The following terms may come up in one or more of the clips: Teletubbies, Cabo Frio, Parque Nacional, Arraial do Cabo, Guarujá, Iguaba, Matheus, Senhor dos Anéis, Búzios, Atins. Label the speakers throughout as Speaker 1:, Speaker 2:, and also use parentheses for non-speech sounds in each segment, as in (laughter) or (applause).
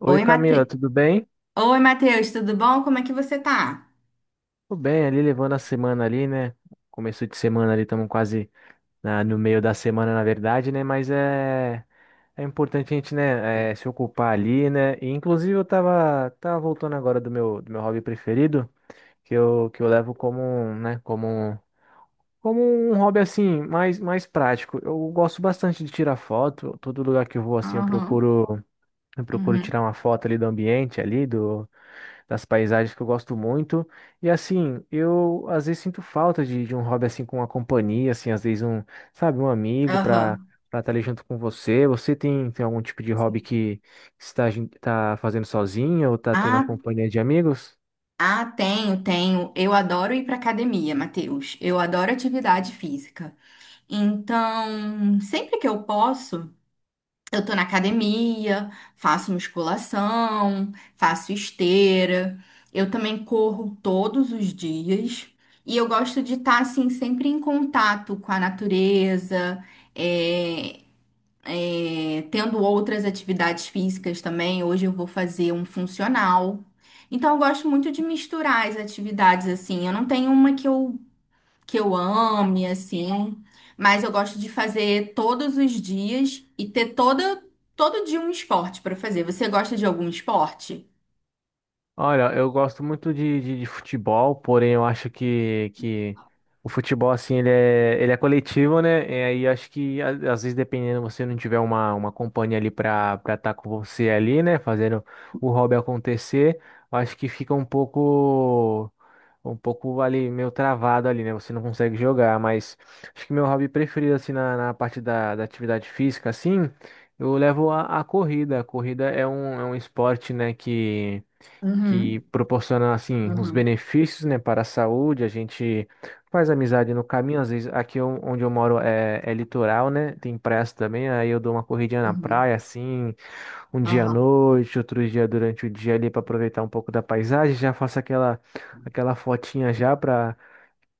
Speaker 1: Oi
Speaker 2: Oi,
Speaker 1: Camila, tudo bem?
Speaker 2: Oi, Matheus, tudo bom? Como é que você tá?
Speaker 1: Tudo bem, ali levando a semana ali, né? Começo de semana ali, estamos quase no meio da semana, na verdade, né? Mas é importante a gente, né, é, se ocupar ali, né? E, inclusive eu tava voltando agora do meu hobby preferido, que eu levo como, um, né, como um hobby assim, mais, mais prático. Eu gosto bastante de tirar foto, todo lugar que eu vou assim, eu
Speaker 2: Aham,
Speaker 1: procuro, eu procuro tirar
Speaker 2: uhum,
Speaker 1: uma foto ali do ambiente ali, do das paisagens que eu gosto muito. E assim, eu às vezes sinto falta de um hobby assim com uma companhia, assim, às vezes um, sabe, um amigo para
Speaker 2: aham.
Speaker 1: para estar ali junto com você. Você tem algum tipo de hobby que tá fazendo sozinho ou tá tendo a
Speaker 2: Ah,
Speaker 1: companhia de amigos?
Speaker 2: ah, tenho. Eu adoro ir pra academia, Matheus. Eu adoro atividade física. Então, sempre que eu posso, eu tô na academia, faço musculação, faço esteira. Eu também corro todos os dias. E eu gosto de estar, assim, sempre em contato com a natureza. eh, É, tendo outras atividades físicas também. Hoje eu vou fazer um funcional. Então eu gosto muito de misturar as atividades assim. Eu não tenho uma que eu ame assim, mas eu gosto de fazer todos os dias e ter toda todo dia um esporte para fazer. Você gosta de algum esporte?
Speaker 1: Olha, eu gosto muito de futebol, porém eu acho que o futebol, assim, ele é coletivo, né? E aí eu acho que, às vezes, dependendo, você não tiver uma companhia ali pra estar com você ali, né? Fazendo o hobby acontecer, eu acho que fica um pouco ali, meio travado ali, né? Você não consegue jogar, mas acho que meu hobby preferido, assim, na parte da atividade física, assim, eu levo a corrida. A corrida é um esporte, né, que
Speaker 2: Uhum,
Speaker 1: proporciona assim os
Speaker 2: uhum,
Speaker 1: benefícios, né, para a saúde. A gente faz amizade no caminho, às vezes aqui onde eu moro é litoral, né? Tem praias também, aí eu dou uma corridinha na
Speaker 2: uhum,
Speaker 1: praia assim, um dia à
Speaker 2: aham,
Speaker 1: noite, outro dia durante o dia ali para aproveitar um pouco da paisagem, já faço aquela fotinha já para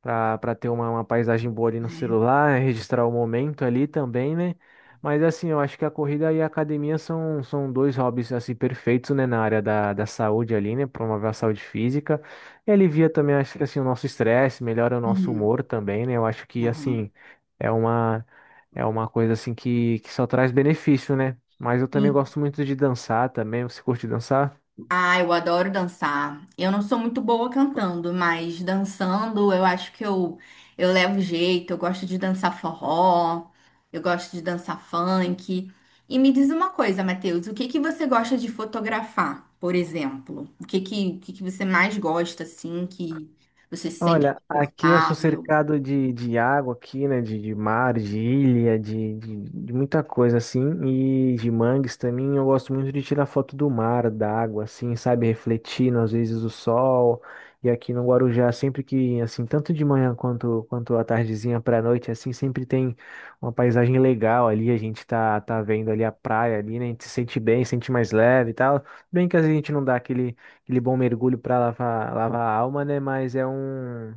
Speaker 1: pra ter uma paisagem boa ali no
Speaker 2: é,
Speaker 1: celular, registrar o momento ali também, né? Mas assim, eu acho que a corrida e a academia são dois hobbies assim perfeitos, né, na área da saúde ali, né? Promover a saúde física. E alivia também, acho que assim, o nosso estresse, melhora o nosso
Speaker 2: uhum,
Speaker 1: humor também, né? Eu acho que
Speaker 2: aham.
Speaker 1: assim, é uma, é uma coisa assim que só traz benefício, né? Mas eu também
Speaker 2: E
Speaker 1: gosto muito de dançar também. Você curte dançar?
Speaker 2: Ah, eu adoro dançar. Eu não sou muito boa cantando, mas dançando eu acho que eu levo jeito. Eu gosto de dançar forró, eu gosto de dançar funk. E me diz uma coisa, Matheus, o que que você gosta de fotografar, por exemplo? O que que você mais gosta, assim, que você se sente
Speaker 1: Olha, aqui eu sou
Speaker 2: confortável?
Speaker 1: cercado de água aqui, né? De mar, de ilha, de muita coisa assim. E de mangues também. Eu gosto muito de tirar foto do mar, da água, assim, sabe? Refletindo, às vezes, o sol. E aqui no Guarujá, sempre que, assim, tanto de manhã quanto à tardezinha para a noite, assim, sempre tem uma paisagem legal ali. A gente tá vendo ali a praia ali, né? A gente se sente bem, se sente mais leve e tal. Bem que às vezes a gente não dá aquele bom mergulho para lavar a alma, né? Mas é um,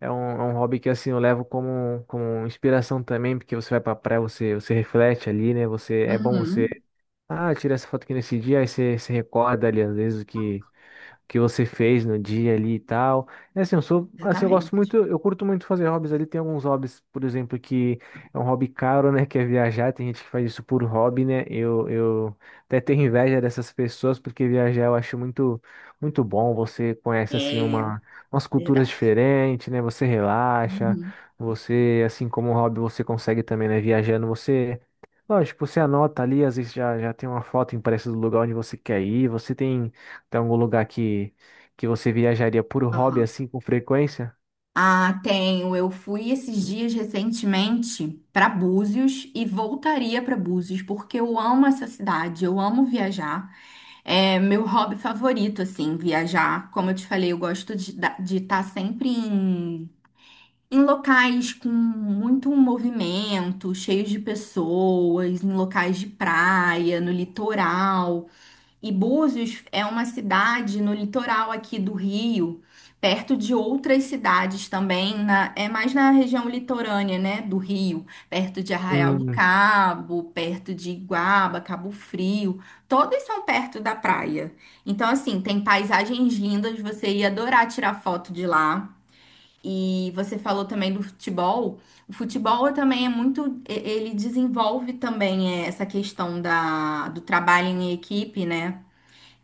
Speaker 1: é um, é um hobby que assim eu levo como, como inspiração também, porque você vai pra praia, você reflete ali, né? Você, é bom você,
Speaker 2: Uhum,
Speaker 1: tira essa foto aqui nesse dia, aí você se recorda ali, às vezes, o que você fez no dia ali e tal. É assim, eu sou, assim, eu gosto
Speaker 2: exatamente.
Speaker 1: muito, eu curto muito fazer hobbies ali. Tem alguns hobbies, por exemplo, que é um hobby caro, né? Que é viajar. Tem gente que faz isso por hobby, né? Eu até tenho inveja dessas pessoas, porque viajar eu acho muito, muito bom. Você conhece, assim,
Speaker 2: É,
Speaker 1: uma, umas culturas
Speaker 2: verdade.
Speaker 1: diferentes, né? Você relaxa.
Speaker 2: Uhum.
Speaker 1: Você, assim como hobby, você consegue também, né? Viajando, você. Lógico, você anota ali, às vezes já tem uma foto impressa do lugar onde você quer ir, você tem algum lugar que você viajaria por hobby assim com frequência?
Speaker 2: Ah, tenho. Eu fui esses dias recentemente para Búzios e voltaria para Búzios porque eu amo essa cidade, eu amo viajar. É meu hobby favorito, assim, viajar. Como eu te falei, eu gosto de estar sempre em locais com muito movimento, cheios de pessoas, em locais de praia, no litoral. E Búzios é uma cidade no litoral aqui do Rio, perto de outras cidades também, é mais na região litorânea, né, do Rio, perto de Arraial do
Speaker 1: Hum,
Speaker 2: Cabo, perto de Iguaba, Cabo Frio, todas são perto da praia. Então, assim, tem paisagens lindas, você ia adorar tirar foto de lá. E você falou também do futebol. O futebol também é muito, ele desenvolve também eh, essa questão da, do trabalho em equipe, né?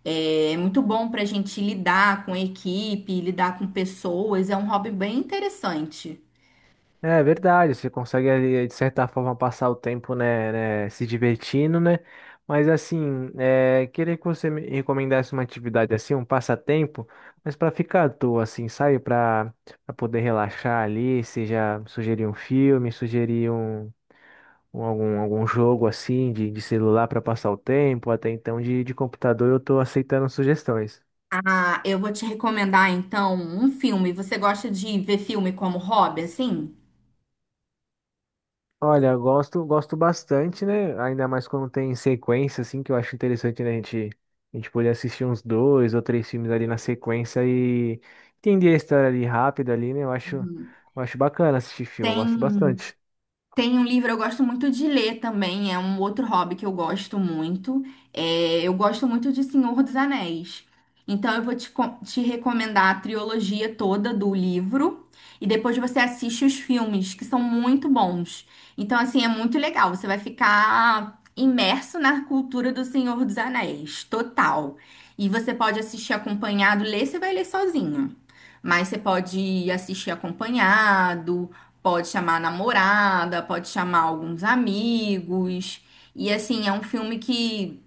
Speaker 2: É muito bom para a gente lidar com a equipe, lidar com pessoas. É um hobby bem interessante.
Speaker 1: é verdade, você consegue ali, de certa forma passar o tempo, né, se divertindo, né? Mas assim, é, queria que você me recomendasse uma atividade assim, um passatempo, mas para ficar à toa, assim, sabe? Para poder relaxar ali, seja sugerir um filme, sugerir um, algum, algum jogo assim de celular para passar o tempo, até então de computador eu tô aceitando sugestões.
Speaker 2: Ah, eu vou te recomendar então um filme. Você gosta de ver filme como hobby, assim?
Speaker 1: Olha, eu gosto, gosto bastante, né? Ainda mais quando tem sequência, assim, que eu acho interessante, né? A gente poder assistir uns dois ou três filmes ali na sequência e entender a história ali rápido ali, né?
Speaker 2: Uhum.
Speaker 1: Eu acho bacana assistir filme, eu gosto
Speaker 2: Tem.
Speaker 1: bastante.
Speaker 2: Tem um livro, eu gosto muito de ler também, é um outro hobby que eu gosto muito. É, eu gosto muito de Senhor dos Anéis. Então eu vou te recomendar a trilogia toda do livro e depois você assiste os filmes, que são muito bons. Então, assim, é muito legal, você vai ficar imerso na cultura do Senhor dos Anéis, total. E você pode assistir acompanhado, ler, você vai ler sozinho. Mas você pode assistir acompanhado. Pode chamar a namorada, pode chamar alguns amigos. E assim, é um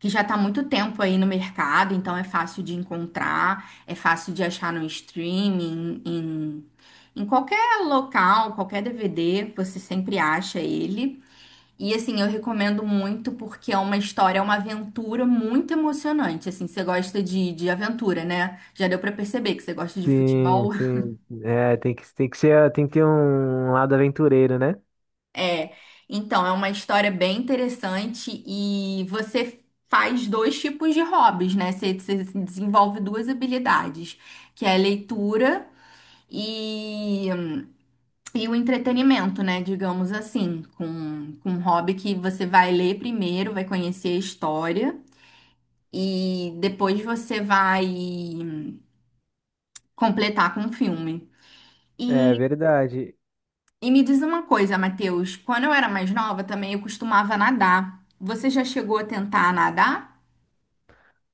Speaker 2: que já tá há muito tempo aí no mercado, então é fácil de encontrar, é fácil de achar no streaming, em qualquer local, qualquer DVD, você sempre acha ele. E assim, eu recomendo muito porque é uma história, é uma aventura muito emocionante. Assim, você gosta de aventura, né? Já deu pra perceber que você gosta de
Speaker 1: Sim,
Speaker 2: futebol.
Speaker 1: sim. É, tem que ser, tem que ter um lado aventureiro, né?
Speaker 2: É, então, é uma história bem interessante e você faz dois tipos de hobbies, né? Você desenvolve duas habilidades, que é a leitura e, e o entretenimento, né? Digamos assim, com um hobby que você vai ler primeiro, vai conhecer a história e depois você vai completar com o filme.
Speaker 1: É verdade.
Speaker 2: E me diz uma coisa, Matheus, quando eu era mais nova também eu costumava nadar. Você já chegou a tentar nadar?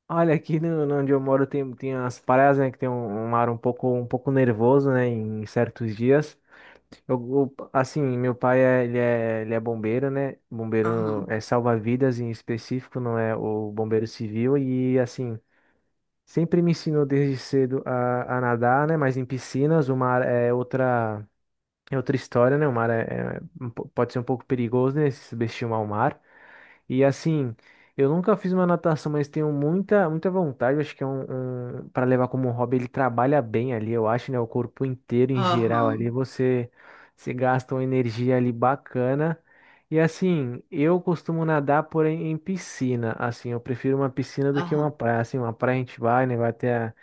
Speaker 1: Olha, aqui no onde eu moro tem as praias, né? Que tem um, um mar um pouco nervoso, né? Em certos dias. Assim, meu pai é, ele é bombeiro, né? Bombeiro
Speaker 2: Aham,
Speaker 1: é salva-vidas em específico, não é o bombeiro civil. E, assim, sempre me ensinou desde cedo a nadar, né? Mas em piscinas, o mar é outra história, né? O mar é um pode ser um pouco perigoso, né? Se subestimar o mar. E assim, eu nunca fiz uma natação, mas tenho muita, muita vontade. Acho que é um, um para levar como hobby, ele trabalha bem ali, eu acho, né? O corpo inteiro em geral
Speaker 2: aham,
Speaker 1: ali, você se gasta uma energia ali bacana. E assim, eu costumo nadar, porém, em piscina. Assim, eu prefiro uma piscina do que uma
Speaker 2: aham,
Speaker 1: praia. Assim, uma praia a gente vai, né? Vai até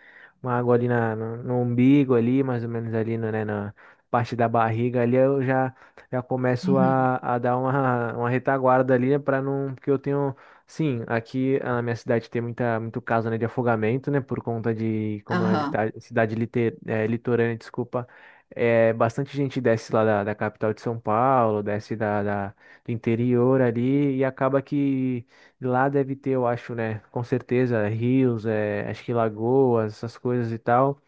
Speaker 1: uma água ali na, no, no umbigo ali, mais ou menos ali, no, né? Na parte da barriga ali, eu já começo
Speaker 2: uhum,
Speaker 1: a dar uma retaguarda ali, né, para não, porque eu tenho, sim, aqui na minha cidade tem muita, muito caso, né, de afogamento, né, por conta de, como é a
Speaker 2: aham.
Speaker 1: cidade litorânea, desculpa, é, bastante gente desce lá da capital de São Paulo, desce do interior ali e acaba que lá deve ter, eu acho, né, com certeza, rios, é, acho que lagoas, essas coisas e tal.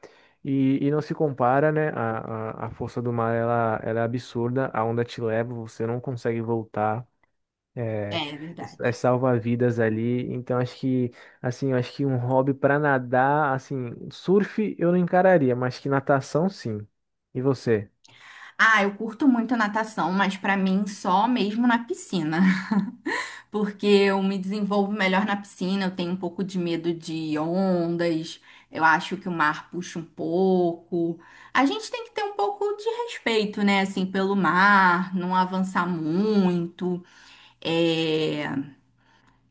Speaker 1: E não se compara, né? A força do mar, ela é absurda. A onda te leva, você não consegue voltar.
Speaker 2: É,
Speaker 1: É,
Speaker 2: é verdade.
Speaker 1: é salva-vidas ali. Então, acho que, assim, eu acho que um hobby para nadar, assim, surf eu não encararia, mas que natação, sim. E você?
Speaker 2: Ah, eu curto muito natação, mas pra mim só mesmo na piscina. (laughs) Porque eu me desenvolvo melhor na piscina, eu tenho um pouco de medo de ondas, eu acho que o mar puxa um pouco. A gente tem que ter um pouco de respeito, né, assim, pelo mar, não avançar muito. É,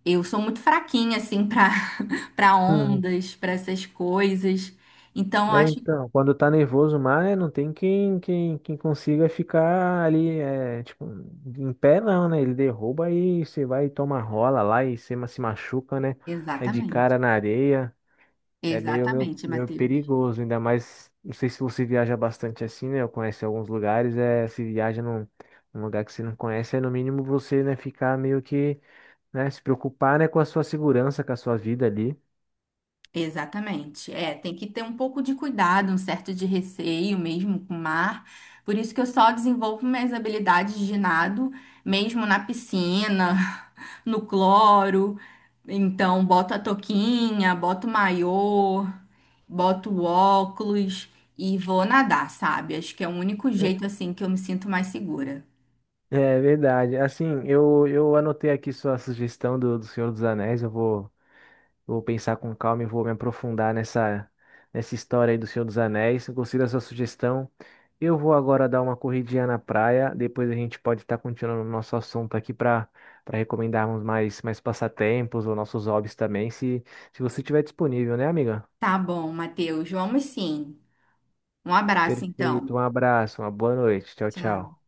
Speaker 2: eu sou muito fraquinha, assim, para (laughs) para ondas, para essas coisas. Então, eu
Speaker 1: É,
Speaker 2: acho.
Speaker 1: então, quando tá nervoso mais, né, não tem quem consiga ficar ali, é, tipo, em pé não, né? Ele derruba e você vai e toma rola lá e você se machuca, né? Aí de
Speaker 2: Exatamente.
Speaker 1: cara na areia, é
Speaker 2: Exatamente,
Speaker 1: meio
Speaker 2: Matheus.
Speaker 1: perigoso, ainda mais, não sei se você viaja bastante assim, né? Eu conheço alguns lugares, é, se viaja num lugar que você não conhece, é no mínimo você, né, ficar meio que, né, se preocupar, né, com a sua segurança, com a sua vida ali.
Speaker 2: Exatamente. É, tem que ter um pouco de cuidado, um certo de receio mesmo com o mar. Por isso que eu só desenvolvo minhas habilidades de nado mesmo na piscina, (laughs) no cloro. Então, boto a touquinha, boto o maiô, boto o óculos e vou nadar, sabe? Acho que é o único jeito assim que eu me sinto mais segura.
Speaker 1: É verdade. Assim, eu anotei aqui sua sugestão do Senhor dos Anéis. Vou pensar com calma e vou me aprofundar nessa, nessa história aí do Senhor dos Anéis. Eu Gostei da sua sugestão. Eu vou agora dar uma corridinha na praia. Depois a gente pode estar continuando o nosso assunto aqui para recomendarmos mais, mais passatempos ou nossos hobbies também, se você estiver disponível, né, amiga?
Speaker 2: Tá bom, Matheus. Vamos sim. Um abraço
Speaker 1: Perfeito.
Speaker 2: então.
Speaker 1: Um abraço, uma boa noite. Tchau,
Speaker 2: Tchau.
Speaker 1: tchau.